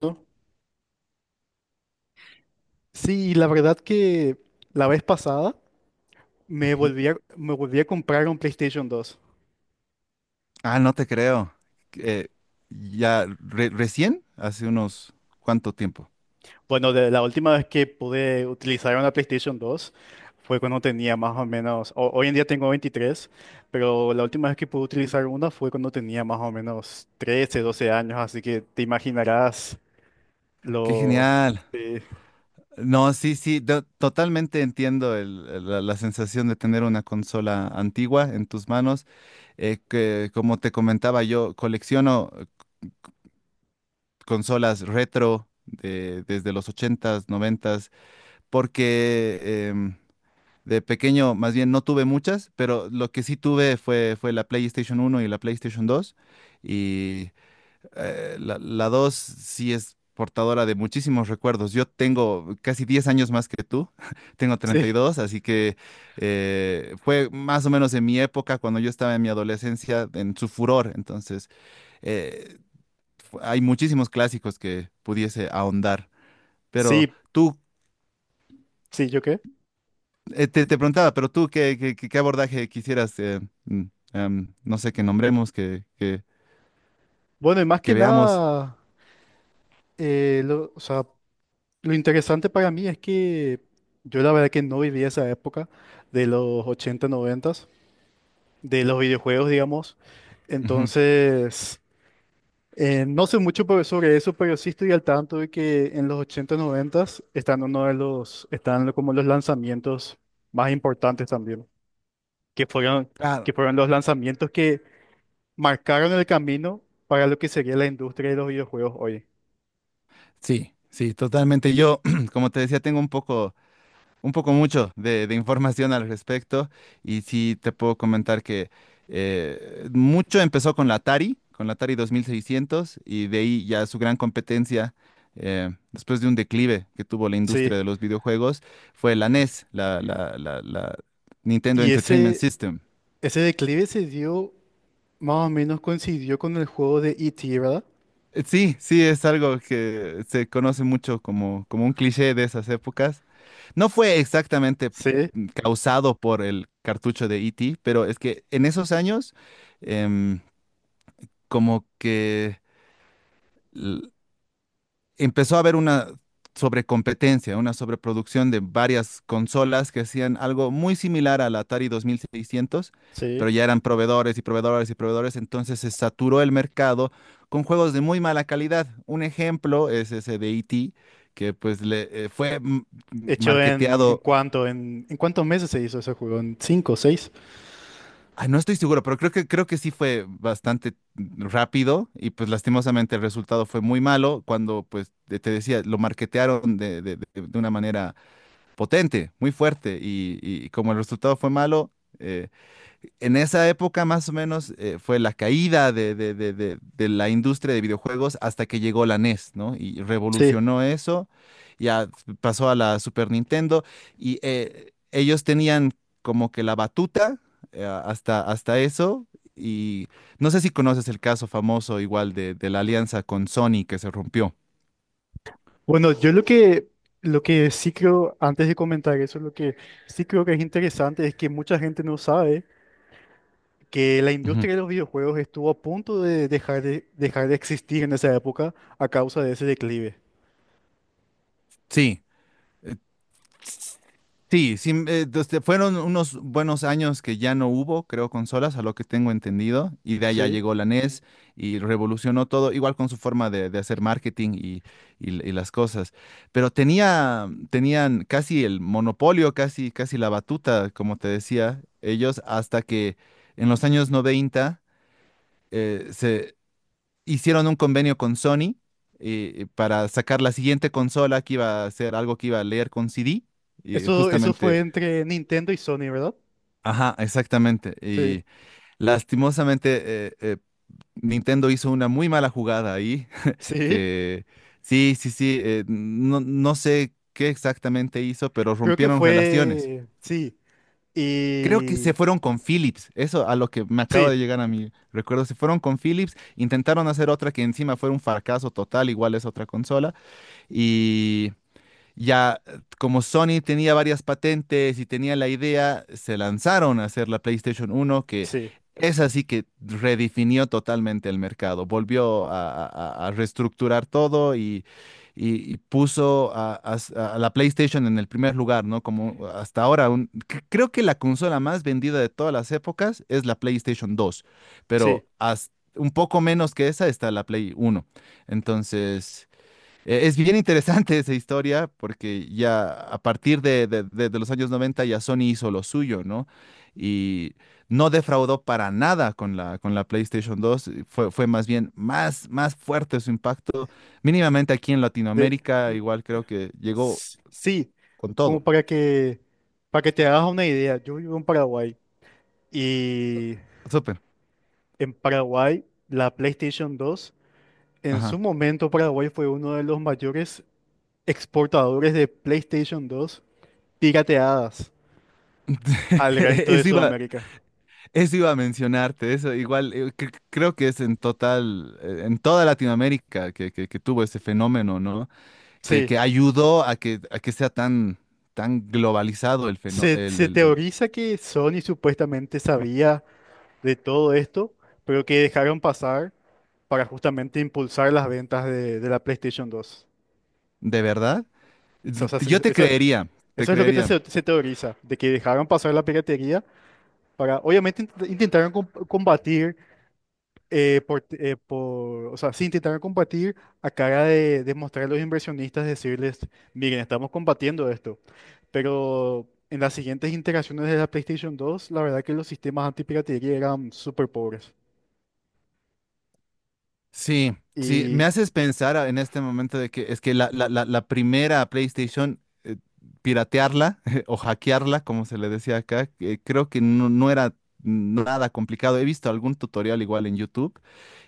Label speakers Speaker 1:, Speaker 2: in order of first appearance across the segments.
Speaker 1: ¿No? Sí, la verdad que la vez pasada me
Speaker 2: Ujú.
Speaker 1: volví a, me volví a comprar un PlayStation 2.
Speaker 2: Ah, no te creo. Eh, ya recién, hace unos cuánto tiempo.
Speaker 1: Bueno, la última vez que pude utilizar una PlayStation 2 fue cuando tenía más o menos, hoy en día tengo 23, pero la última vez que pude utilizar una fue cuando tenía más o menos 13, 12 años, así que te imaginarás
Speaker 2: Qué
Speaker 1: lo...
Speaker 2: genial.
Speaker 1: Sí,
Speaker 2: No, sí, sí, totalmente entiendo la sensación de tener una consola antigua en tus manos. Que, como te comentaba, yo colecciono consolas retro desde los ochentas, noventas, porque em, de pequeño, más bien no tuve muchas, pero lo que sí tuve fue la PlayStation uno y la PlayStation dos. Y la dos sí es portadora de muchísimos recuerdos. Yo tengo casi 10 años más que tú, tengo treinta y
Speaker 1: sí,
Speaker 2: dos así que fue más o menos en mi época, cuando yo estaba en mi adolescencia, en su furor. Entonces, eh, hay muchísimos clásicos que pudiese ahondar. Pero
Speaker 1: sí,
Speaker 2: tú...
Speaker 1: sí, ¿yo qué?
Speaker 2: Te preguntaba, pero tú, ¿qué abordaje quisieras, mm, no sé, que nombremos, que, que,
Speaker 1: Bueno, y más
Speaker 2: que
Speaker 1: que
Speaker 2: veamos?
Speaker 1: nada, o sea, lo interesante para mí es que yo la verdad que no viví esa época de los 80 90, de los videojuegos, digamos.
Speaker 2: Ujú.
Speaker 1: Entonces, no sé mucho sobre eso, pero sí estoy al tanto de que en los 80 90 están uno de los, están lo- como los lanzamientos más importantes también, que fueron, que
Speaker 2: Claro,
Speaker 1: fueron los lanzamientos que marcaron el camino para lo que sería la industria de los videojuegos hoy.
Speaker 2: sí, sí, totalmente. Yo, como te decía, tengo un poco mucho de información al respecto y sí te puedo comentar que mucho empezó con la Atari 2600 y de ahí ya su gran competencia, después de un declive que tuvo la
Speaker 1: Sí,
Speaker 2: industria de los videojuegos, fue la NES, la Nintendo
Speaker 1: y
Speaker 2: Entertainment
Speaker 1: ese,
Speaker 2: System.
Speaker 1: ese declive se dio, más o menos coincidió con el juego de E.T., ¿verdad?
Speaker 2: Sí, sí, es algo que se conoce mucho como un cliché de esas épocas. No fue exactamente
Speaker 1: Sí,
Speaker 2: causado por el cartucho de E.T., pero es que en esos años em, como que l- empezó a haber una sobrecompetencia, una sobreproducción de varias consolas que hacían algo muy similar al Atari 2600,
Speaker 1: sí.
Speaker 2: pero ya eran proveedores y proveedores y proveedores, entonces se saturó el mercado con juegos de muy mala calidad. Un ejemplo es ese de E.T., que pues le fue
Speaker 1: ¿Hecho en,
Speaker 2: marketeado.
Speaker 1: en cuántos meses se hizo ese juego, en cinco seis?
Speaker 2: Ay, no estoy seguro, pero creo que sí fue bastante rápido y pues lastimosamente el resultado fue muy malo cuando pues te decía, lo marketearon de una manera potente, muy fuerte. Y como el resultado fue malo, eh, en esa época más o menos fue la caída de la industria de videojuegos hasta que llegó la NES, ¿no? Y
Speaker 1: Sí.
Speaker 2: revolucionó eso, ya pasó a la Super Nintendo y ellos tenían como que la batuta hasta eso y no sé si conoces el caso famoso igual de la alianza con Sony que se rompió.
Speaker 1: Bueno, yo lo que sí creo, antes de comentar eso, lo que sí creo que es interesante es que mucha gente no sabe que la
Speaker 2: Ujú.
Speaker 1: industria de los videojuegos estuvo a punto de dejar de existir en esa época a causa de ese declive.
Speaker 2: Sí. Sí, sí, fueron unos buenos años que ya no hubo, creo, consolas, a lo que tengo entendido, y de allá
Speaker 1: Sí.
Speaker 2: llegó la NES y revolucionó todo, igual con su forma de hacer marketing y las cosas. Pero tenía, tenían casi el monopolio, casi, casi la batuta, como te decía, ellos, hasta que en los años 90 se hicieron un convenio con Sony para sacar la siguiente consola que iba a ser algo que iba a leer con CD, y
Speaker 1: Eso fue
Speaker 2: justamente...
Speaker 1: entre Nintendo y Sony, ¿verdad?
Speaker 2: Ajá, exactamente.
Speaker 1: Sí.
Speaker 2: Y lastimosamente Nintendo hizo una muy mala jugada ahí,
Speaker 1: Sí.
Speaker 2: que sí, sí, sí, no, no sé qué exactamente hizo, pero
Speaker 1: Creo que
Speaker 2: rompieron relaciones.
Speaker 1: fue, sí.
Speaker 2: Creo que
Speaker 1: Y
Speaker 2: se fueron con Philips, eso a lo que me acaba de
Speaker 1: sí,
Speaker 2: llegar a mi recuerdo, se fueron con Philips, intentaron hacer otra que encima fue un fracaso total, igual es otra consola, ya, como Sony tenía varias patentes y tenía la idea, se lanzaron a hacer la PlayStation 1, que
Speaker 1: sí,
Speaker 2: es así que redefinió totalmente el mercado, volvió a reestructurar todo y puso a la PlayStation en el primer lugar, ¿no? Como hasta ahora, creo que la consola más vendida de todas las épocas es la PlayStation 2,
Speaker 1: sí,
Speaker 2: pero hasta un poco menos que esa está la Play 1. Entonces... Es bien interesante esa historia porque ya a partir de los años 90 ya Sony hizo lo suyo, ¿no? Y no defraudó para nada con la, con la PlayStation 2. Fue más bien más fuerte su impacto. Mínimamente aquí en
Speaker 1: de,
Speaker 2: Latinoamérica, igual creo que llegó
Speaker 1: sí,
Speaker 2: con
Speaker 1: como
Speaker 2: todo.
Speaker 1: para que te hagas una idea, yo vivo en Paraguay y
Speaker 2: Súper.
Speaker 1: en Paraguay la PlayStation 2, en su
Speaker 2: Ajá.
Speaker 1: momento Paraguay fue uno de los mayores exportadores de PlayStation 2 pirateadas al resto de
Speaker 2: Eso iba,
Speaker 1: Sudamérica.
Speaker 2: eso iba a mencionarte, eso igual creo que es en total, en toda Latinoamérica que, que tuvo ese fenómeno, ¿no? que,
Speaker 1: Sí,
Speaker 2: que ayudó a que sea tan, tan globalizado el fenómeno,
Speaker 1: se,
Speaker 2: el,
Speaker 1: se
Speaker 2: el- el-
Speaker 1: teoriza que Sony supuestamente sabía de todo esto, pero que dejaron pasar para justamente impulsar las ventas de la PlayStation 2.
Speaker 2: ¿De verdad?
Speaker 1: O sea,
Speaker 2: Yo te
Speaker 1: eso,
Speaker 2: creería, te
Speaker 1: eso es lo que
Speaker 2: creería.
Speaker 1: se teoriza, de que dejaron pasar la piratería para, obviamente intentaron combatir, eh, por, o sea, sí intentaron combatir a cara de mostrar a los inversionistas, decirles, miren, estamos combatiendo esto, pero en las siguientes interacciones de la PlayStation 2, la verdad que los sistemas antipiratería eran súper pobres.
Speaker 2: Sí, sí, me
Speaker 1: Y
Speaker 2: haces pensar en este momento de que es que la primera PlayStation, piratearla o hackearla, como se le decía acá, que creo que no era nada complicado. He visto algún tutorial igual en YouTube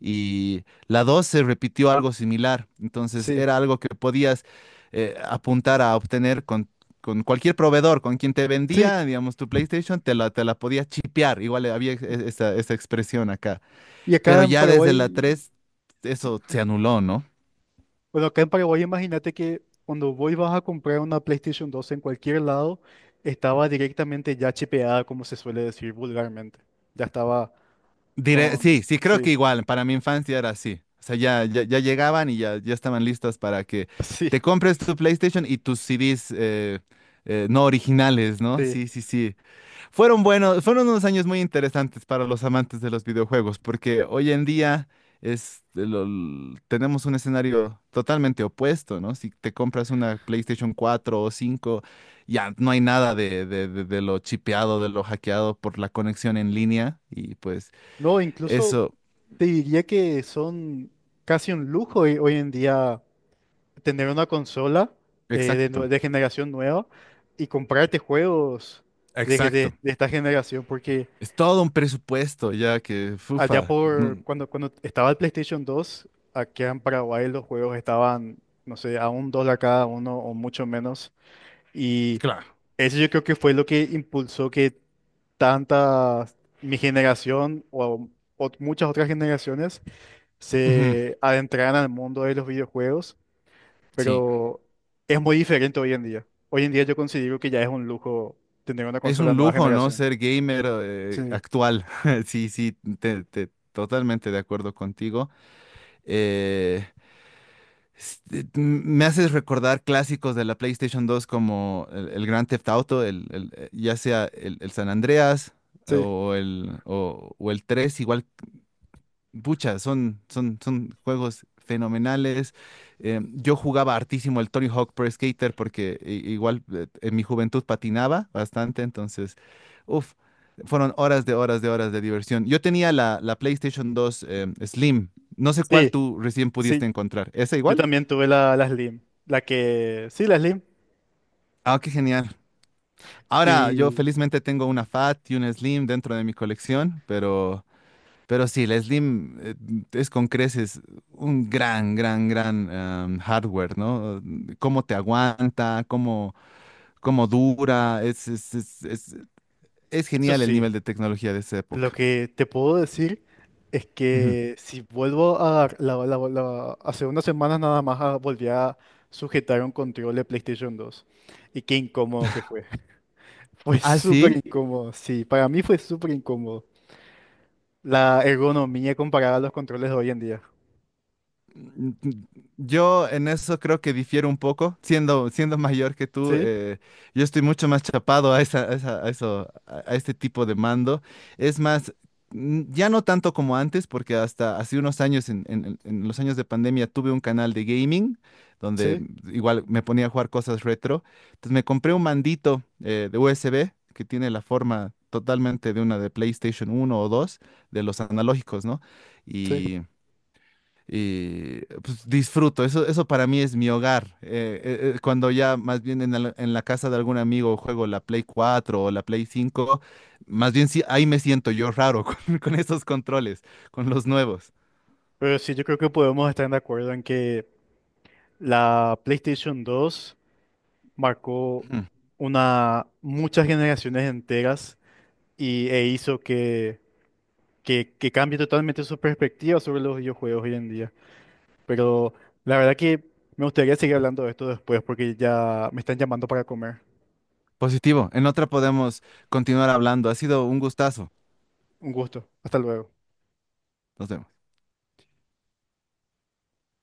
Speaker 2: y la dos se repitió algo similar. Entonces
Speaker 1: sí,
Speaker 2: era algo que podías apuntar a obtener con cualquier proveedor, con quien te
Speaker 1: sí.
Speaker 2: vendía, digamos, tu PlayStation, te la podía chipear. Igual había esa expresión acá.
Speaker 1: Y acá
Speaker 2: Pero
Speaker 1: en
Speaker 2: ya desde la
Speaker 1: Paraguay,
Speaker 2: 3
Speaker 1: sí.
Speaker 2: eso se anuló, ¿no?
Speaker 1: Bueno, acá en Paraguay imagínate que cuando vos vas a comprar una PlayStation 2 en cualquier lado, estaba directamente ya chipeada, como se suele decir vulgarmente. Ya estaba
Speaker 2: Diré,
Speaker 1: con...
Speaker 2: sí, sí, creo
Speaker 1: Sí,
Speaker 2: que igual, para mi infancia era así. O sea, ya llegaban y ya estaban listas para que te
Speaker 1: sí,
Speaker 2: compres tu PlayStation y tus CDs no originales, ¿no?
Speaker 1: sí.
Speaker 2: Sí, sí, sí. Fueron buenos, fueron unos años muy interesantes para los amantes de los videojuegos, porque hoy en día tenemos un escenario totalmente opuesto, ¿no? Si te compras una PlayStation 4 o 5 ya no hay nada de lo chipeado, de lo hackeado por la conexión en línea, y pues
Speaker 1: No, incluso
Speaker 2: eso,
Speaker 1: te diría que son casi un lujo hoy, hoy en día tener una consola
Speaker 2: exacto,
Speaker 1: de generación nueva y comprarte juegos de,
Speaker 2: exacto.
Speaker 1: de esta generación, porque...
Speaker 2: Es todo un presupuesto ya que,
Speaker 1: Allá
Speaker 2: fufa,
Speaker 1: por cuando estaba el PlayStation 2 aquí en Paraguay los juegos estaban, no sé, a $1 cada uno o mucho menos. Y
Speaker 2: claro.
Speaker 1: eso yo creo que fue lo que impulsó que tanta mi generación o muchas otras generaciones
Speaker 2: Ujú,
Speaker 1: se adentraran al mundo de los videojuegos,
Speaker 2: sí.
Speaker 1: pero es muy diferente hoy en día. Hoy en día yo considero que ya es un lujo tener una
Speaker 2: Es
Speaker 1: consola
Speaker 2: un
Speaker 1: nueva
Speaker 2: lujo, ¿no?
Speaker 1: generación.
Speaker 2: Ser gamer
Speaker 1: Sí,
Speaker 2: actual. Sí, sí, totalmente de acuerdo contigo. Eh, me haces recordar clásicos de la PlayStation dos como el Grand Theft Auto, ya sea el San Andreas
Speaker 1: sí.
Speaker 2: o el 3 igual. Pucha, son juegos fenomenales. Yo jugaba hartísimo el Tony Hawk Pro Skater porque igual en mi juventud patinaba bastante, entonces, uff, fueron horas de horas de horas de diversión. Yo tenía la PlayStation 2 Slim, no sé cuál
Speaker 1: Sí,
Speaker 2: tú recién pudiste
Speaker 1: sí.
Speaker 2: encontrar. ¿Esa
Speaker 1: Yo
Speaker 2: igual?
Speaker 1: también tuve la, la Slim, la que, sí, la Slim.
Speaker 2: Ah, qué genial. Ahora yo
Speaker 1: Y
Speaker 2: felizmente tengo una Fat y una Slim dentro de mi colección, pero sí, la Slim es con creces un gran, gran, gran hardware, ¿no? Cómo te aguanta, cómo dura. Es
Speaker 1: eso
Speaker 2: genial el nivel
Speaker 1: sí,
Speaker 2: de tecnología de esa
Speaker 1: lo
Speaker 2: época.
Speaker 1: que te puedo decir es
Speaker 2: Ujú.
Speaker 1: que si vuelvo a, la- la- hace unas semanas nada más ah, volví a sujetar un control de PlayStation 2. Y qué incómodo que fue. Fue
Speaker 2: Ah,
Speaker 1: súper
Speaker 2: sí.
Speaker 1: incómodo, sí, para mí fue súper incómodo. La ergonomía comparada a los controles de hoy en día.
Speaker 2: Yo en eso creo que difiero un poco, siendo mayor que tú,
Speaker 1: Sí,
Speaker 2: yo estoy mucho más chapado a esa, a eso, a este tipo de mando. Es más, ya no tanto como antes, porque hasta hace unos años, en los años de pandemia, tuve un canal de gaming, donde
Speaker 1: sí,
Speaker 2: igual me ponía a jugar cosas retro. Entonces me compré un mandito de USB que tiene la forma totalmente de una de PlayStation uno o 2 de los analógicos, ¿no?
Speaker 1: sí.
Speaker 2: Y pues, disfruto. Eso para mí es mi hogar. Cuando ya más bien en la casa de algún amigo juego la Play 4 o la Play 5 más bien sí, ahí me siento yo raro con esos controles, con los nuevos.
Speaker 1: Pero sí, yo creo que podemos estar de acuerdo en que la PlayStation 2 marcó
Speaker 2: Ujú.
Speaker 1: una, muchas generaciones enteras y, e hizo que, que cambie totalmente su perspectiva sobre los videojuegos hoy en día. Pero la verdad que me gustaría seguir hablando de esto después porque ya me están llamando para comer.
Speaker 2: Positivo. En otra podemos continuar hablando. Ha sido un gustazo.
Speaker 1: Un gusto. Hasta luego.
Speaker 2: Nos vemos.